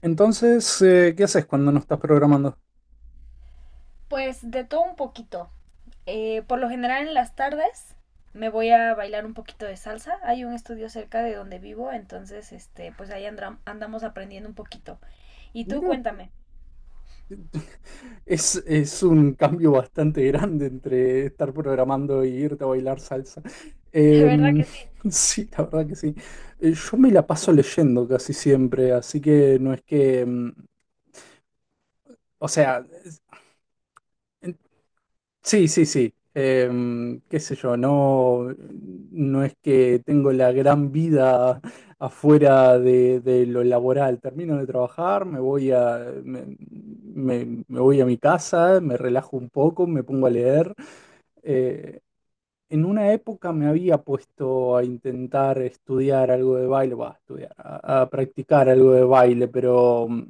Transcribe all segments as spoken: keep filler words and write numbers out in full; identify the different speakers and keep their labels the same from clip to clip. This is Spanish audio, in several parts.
Speaker 1: Entonces, eh, ¿qué haces cuando no estás programando?
Speaker 2: Pues de todo un poquito. Eh, por lo general en las tardes me voy a bailar un poquito de salsa. Hay un estudio cerca de donde vivo, entonces este, pues ahí andra- andamos aprendiendo un poquito. Y tú
Speaker 1: Mira,
Speaker 2: cuéntame,
Speaker 1: es, es un cambio bastante grande entre estar programando y irte a bailar salsa.
Speaker 2: de verdad
Speaker 1: Em,
Speaker 2: que sí.
Speaker 1: sí, la verdad que sí. Eh, Yo me la paso leyendo casi siempre, así que no es que, em, o sea, sí, sí, sí. Em, qué sé yo, no, no es que tengo la gran vida afuera de, de lo laboral. Termino de trabajar, me voy a, me, me- me voy a mi casa, me relajo un poco, me pongo a leer. Eh, en una época me había puesto a intentar estudiar algo de baile, va, a estudiar, a, a practicar algo de baile, pero mm,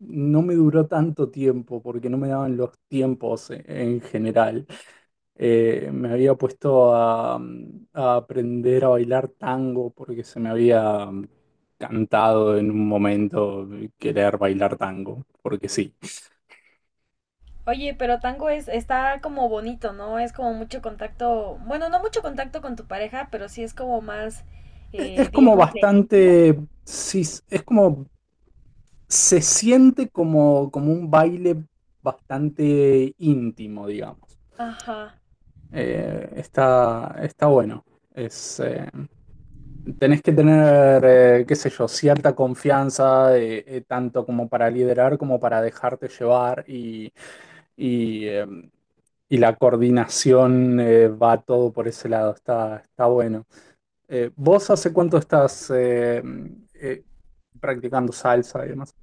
Speaker 1: no me duró tanto tiempo porque no me daban los tiempos en en general. Eh, me había puesto a, mm, a aprender a bailar tango porque se me había mm, cantado en un momento querer bailar tango, porque sí.
Speaker 2: Oye, pero tango es, está como bonito, ¿no? Es como mucho contacto, bueno, no mucho contacto con tu pareja, pero sí es como más,
Speaker 1: E-
Speaker 2: eh,
Speaker 1: Es como
Speaker 2: digamos, de íntimo.
Speaker 1: bastante, sí, es como, se siente como, como un baile bastante íntimo, digamos.
Speaker 2: Ajá.
Speaker 1: Eh, está, está bueno. Es, eh, tenés que tener, eh, qué sé yo, cierta confianza, eh, eh, tanto como para liderar como para dejarte llevar y, y, eh, y la coordinación eh, va todo por ese lado. Está, está bueno. Eh, ¿vos hace cuánto estás eh, eh, practicando salsa y demás?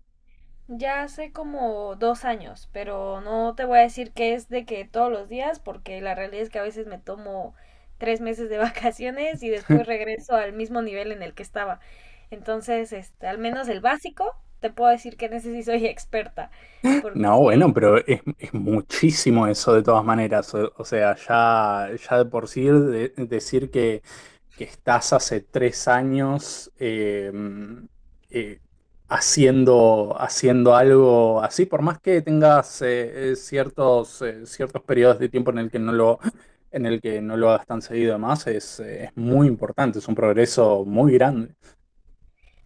Speaker 2: Ya hace como dos años, pero no te voy a decir que es de que todos los días, porque la realidad es que a veces me tomo tres meses de vacaciones y después regreso al mismo nivel en el que estaba. Entonces, este, al menos el básico, te puedo decir que en ese sí soy experta,
Speaker 1: No, bueno,
Speaker 2: porque
Speaker 1: pero es, es muchísimo eso de todas maneras. O, o sea, ya, ya de por sí de- decir que, que estás hace tres años eh, mm, eh, haciendo, haciendo algo así, por más que tengas eh, eh, ciertos, eh, ciertos periodos de tiempo en el que no lo, en el que no lo hagas tan seguido, además, es, eh, es muy importante, es un progreso muy grande.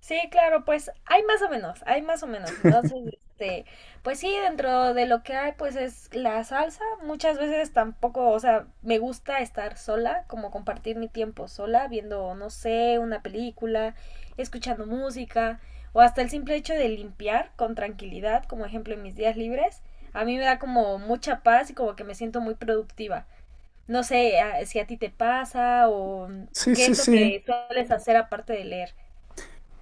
Speaker 2: sí, claro, pues hay más o menos, hay más o menos. Entonces, este, pues sí, dentro de lo que hay, pues es la salsa. Muchas veces tampoco, o sea, me gusta estar sola, como compartir mi tiempo sola, viendo, no sé, una película, escuchando música, o hasta el simple hecho de limpiar con tranquilidad, como ejemplo en mis días libres. A mí me da como mucha paz y como que me siento muy productiva. No sé a- si a ti te pasa o
Speaker 1: Sí,
Speaker 2: qué
Speaker 1: sí,
Speaker 2: es lo
Speaker 1: sí.
Speaker 2: que sueles hacer aparte de leer.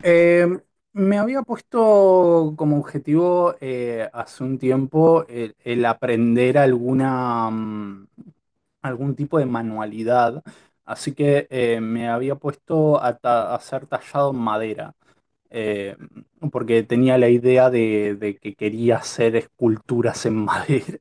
Speaker 1: Eh, Me había puesto como objetivo eh, hace un tiempo el, el aprender alguna, mm, algún tipo de manualidad, así que eh, me había puesto a, ta- a ser tallado en madera, eh, porque tenía la idea de, de que quería hacer esculturas en madera.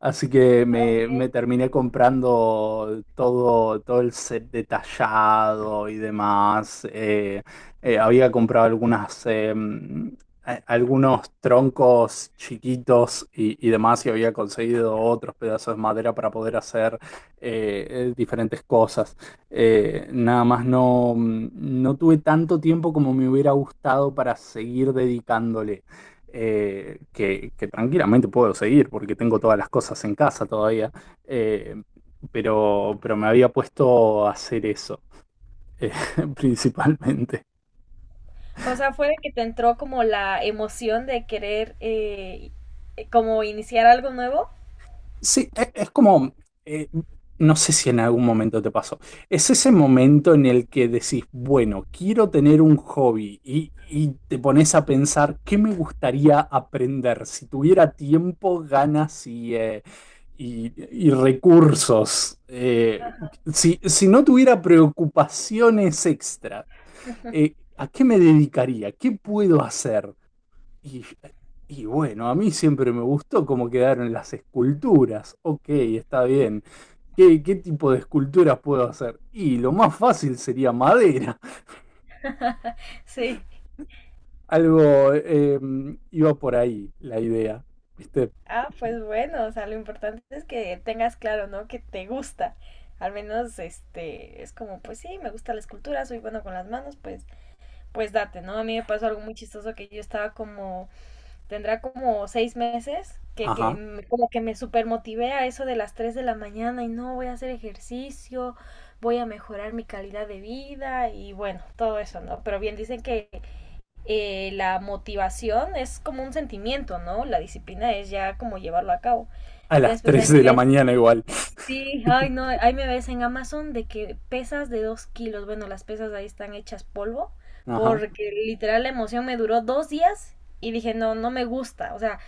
Speaker 1: Así que
Speaker 2: Ah,
Speaker 1: me, me
Speaker 2: ok.
Speaker 1: terminé comprando todo, todo el set detallado y demás. Eh, eh, había comprado algunas, eh, mm, a- algunos troncos chiquitos y, y demás y había conseguido otros pedazos de madera para poder hacer eh, eh, diferentes cosas. Eh, nada más no, mm, no tuve tanto tiempo como me hubiera gustado para seguir dedicándole eh, que, que tranquilamente puedo seguir porque tengo todas las cosas en casa todavía, eh, pero, pero me había puesto a hacer eso, eh, principalmente.
Speaker 2: O sea, fue de que te entró como la emoción de querer eh, eh, como iniciar algo nuevo.
Speaker 1: Sí, e- es como, eh, no sé si en algún momento te pasó, es ese momento en el que decís, bueno, quiero tener un hobby y, y te pones a pensar, ¿qué me gustaría aprender? Si tuviera tiempo, ganas y, eh, y- y recursos, eh, si, si no tuviera preocupaciones extra, eh, ¿a qué me dedicaría? ¿Qué puedo hacer? Y, y bueno, a mí siempre me gustó cómo quedaron las esculturas. Ok, está bien. ¿Qué, ¿qué tipo de esculturas puedo hacer? Y lo más fácil sería madera.
Speaker 2: Sí.
Speaker 1: Algo eh, iba por ahí la idea. ¿Viste?
Speaker 2: Ah, pues bueno, o sea, lo importante es que tengas claro, ¿no? Que te gusta. Al menos, este, es como, pues sí, me gusta la escultura, soy bueno con las manos, pues, pues date, ¿no? A mí me pasó algo muy chistoso que yo estaba como tendrá como seis meses que, que
Speaker 1: Ajá.
Speaker 2: me- como que me super a eso de las tres de la mañana y no voy a hacer ejercicio, voy a mejorar mi calidad de vida y bueno, todo eso, ¿no? Pero bien dicen que eh, la motivación es como un sentimiento, ¿no? La disciplina es ya como llevarlo a cabo.
Speaker 1: A las
Speaker 2: Entonces, pues ahí
Speaker 1: tres de
Speaker 2: me
Speaker 1: la
Speaker 2: ves
Speaker 1: mañana igual.
Speaker 2: sí, ay no, ahí me ves en Amazon de que pesas de dos kilos, bueno, las pesas ahí están hechas polvo,
Speaker 1: Ajá.
Speaker 2: porque literal la emoción me duró dos días y dije, no, no me gusta, o sea,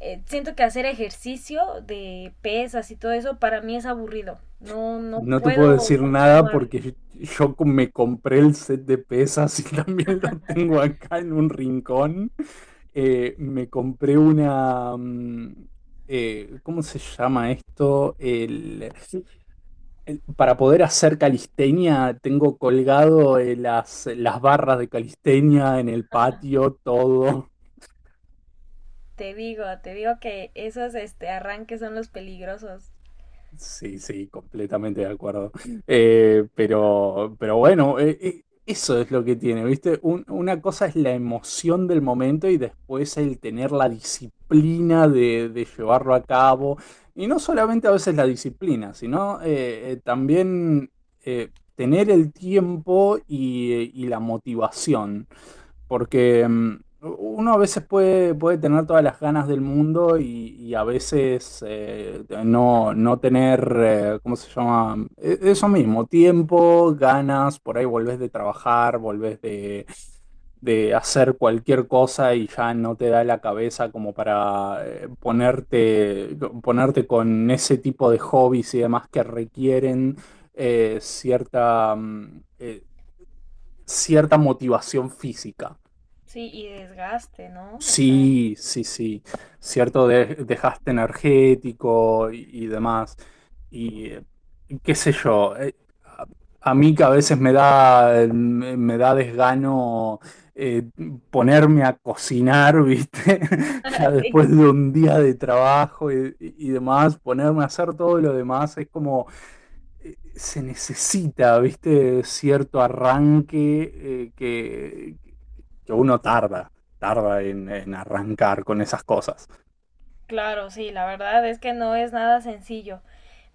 Speaker 2: eh, siento que hacer ejercicio de pesas y todo eso para mí es aburrido, no, no
Speaker 1: No te puedo
Speaker 2: puedo
Speaker 1: decir nada
Speaker 2: continuar,
Speaker 1: porque yo me compré el set de pesas y también lo tengo acá en un rincón. Eh, me compré una. Mm, eh, ¿cómo se llama esto? El, el- para poder hacer calistenia, tengo colgado eh, las, las barras de calistenia en el patio, todo.
Speaker 2: te digo, te digo que esos este, arranques son los peligrosos,
Speaker 1: Sí, sí, completamente de acuerdo. Eh, pero, pero bueno, eh, eh, eso es lo que tiene, ¿viste? Un- una cosa es la emoción del momento y después el tener la disciplina de, de llevarlo a cabo. Y no solamente a veces la disciplina, sino eh, eh, también eh, tener el tiempo y, eh, y la motivación. Porque mm, uno a veces puede, puede tener todas las ganas del mundo y, y a veces eh, no, no tener, eh, ¿cómo se llama? E- Eso mismo, tiempo, ganas, por ahí volvés de trabajar, volvés de, de hacer cualquier cosa y ya no te da la cabeza como para eh, ponerte, ponerte con ese tipo de hobbies y demás que requieren eh, cierta, mm, eh, cierta motivación física.
Speaker 2: sí, y desgaste, ¿no? O sea,
Speaker 1: Sí, sí, sí, cierto, de- dejaste energético y, y demás. Y eh, Qué sé yo, eh, a, a mí que a veces me da, me, me da desgano eh, ponerme a cocinar, ¿viste? Ya
Speaker 2: sí,
Speaker 1: después de un día de trabajo y, y demás, ponerme a hacer todo lo demás es como, eh, se necesita, ¿viste? Cierto arranque eh, que uno tarda, tarda en, en arrancar con esas cosas.
Speaker 2: claro, sí, la verdad es que no es nada sencillo.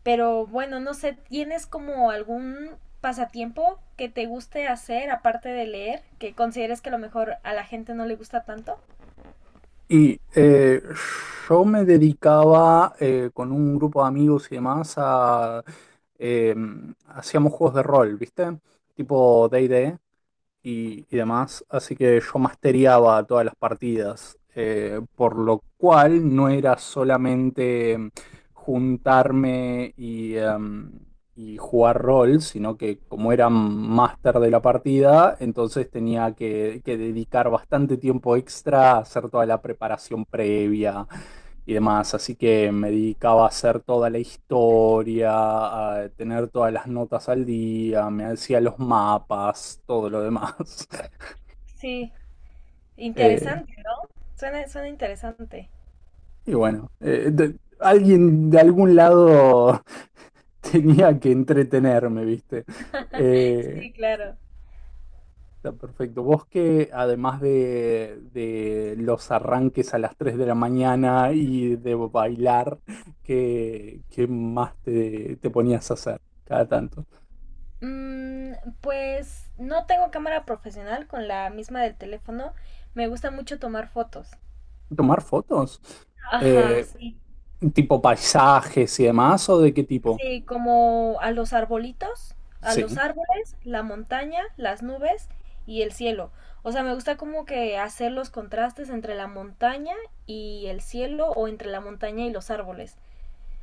Speaker 2: Pero bueno, no sé, ¿tienes como algún pasatiempo que te guste hacer aparte de leer, que consideres que a lo mejor a la gente no le gusta tanto?
Speaker 1: Y eh, yo me dedicaba eh, con un grupo de amigos y demás a... eh, hacíamos juegos de rol, ¿viste? Tipo D and D, y, y demás, así que yo masteriaba todas las partidas, eh, por lo cual no era solamente em, juntarme y, em, y jugar rol, sino que como era máster de la partida, entonces tenía que, que dedicar bastante tiempo extra a hacer toda la preparación previa y demás. Así que me dedicaba a hacer toda la historia, a tener todas las notas al día, me hacía los mapas, todo lo demás.
Speaker 2: Sí,
Speaker 1: Eh,
Speaker 2: interesante, ¿no? Suena, suena interesante.
Speaker 1: y bueno, eh, de- alguien de algún lado tenía que entretenerme, ¿viste? Eh,
Speaker 2: Sí, claro.
Speaker 1: Está perfecto. Vos que además de, de los arranques a las tres de la mañana y de bailar, ¿qué, ¿qué más te, te ponías a hacer cada tanto?
Speaker 2: Mm, pues no tengo cámara profesional con la misma del teléfono. Me gusta mucho tomar fotos.
Speaker 1: ¿Tomar fotos?
Speaker 2: Ajá,
Speaker 1: Eh,
Speaker 2: sí.
Speaker 1: ¿Tipo paisajes y demás o de qué tipo?
Speaker 2: Sí, como a los arbolitos, a los
Speaker 1: Sí.
Speaker 2: árboles, la montaña, las nubes y el cielo. O sea, me gusta como que hacer los contrastes entre la montaña y el cielo o entre la montaña y los árboles.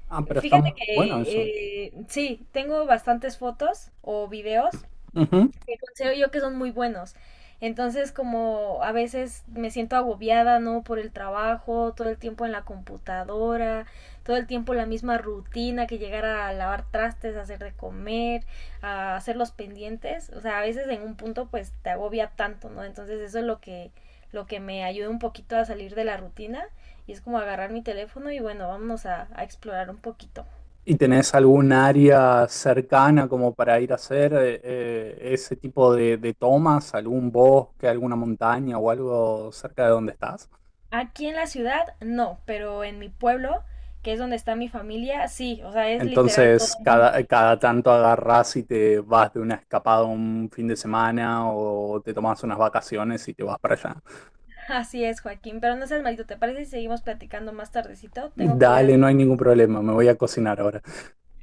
Speaker 1: Ah, pero está
Speaker 2: Fíjate
Speaker 1: muy bueno eso.
Speaker 2: que eh, sí, tengo bastantes fotos o videos
Speaker 1: Ujú.
Speaker 2: que considero yo que son muy buenos. Entonces, como a veces me siento agobiada, ¿no? Por el trabajo, todo el tiempo en la computadora, todo el tiempo la misma rutina que llegar a lavar trastes, a hacer de comer, a hacer los pendientes. O sea, a veces en un punto pues te agobia tanto, ¿no? Entonces eso es lo que, lo que me ayuda un poquito a salir de la rutina y es como agarrar mi teléfono y bueno, vámonos a, a explorar un poquito.
Speaker 1: ¿Y tenés algún área cercana como para ir a hacer eh, eh, ese tipo de, de tomas? ¿Algún bosque, alguna montaña o algo cerca de donde estás?
Speaker 2: Aquí en la ciudad no, pero en mi pueblo, que es donde está mi familia, sí, o sea, es literal todo
Speaker 1: Entonces, cada,
Speaker 2: monte.
Speaker 1: cada tanto agarrás y te vas de una escapada un fin de semana o te tomás unas vacaciones y te vas para allá.
Speaker 2: Así es, Joaquín, pero no seas malito, ¿te parece si seguimos platicando más tardecito? Tengo que ir a...
Speaker 1: Dale, no hay ningún problema, me voy a cocinar ahora.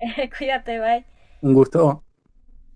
Speaker 2: Cuídate, bye.
Speaker 1: Un gusto.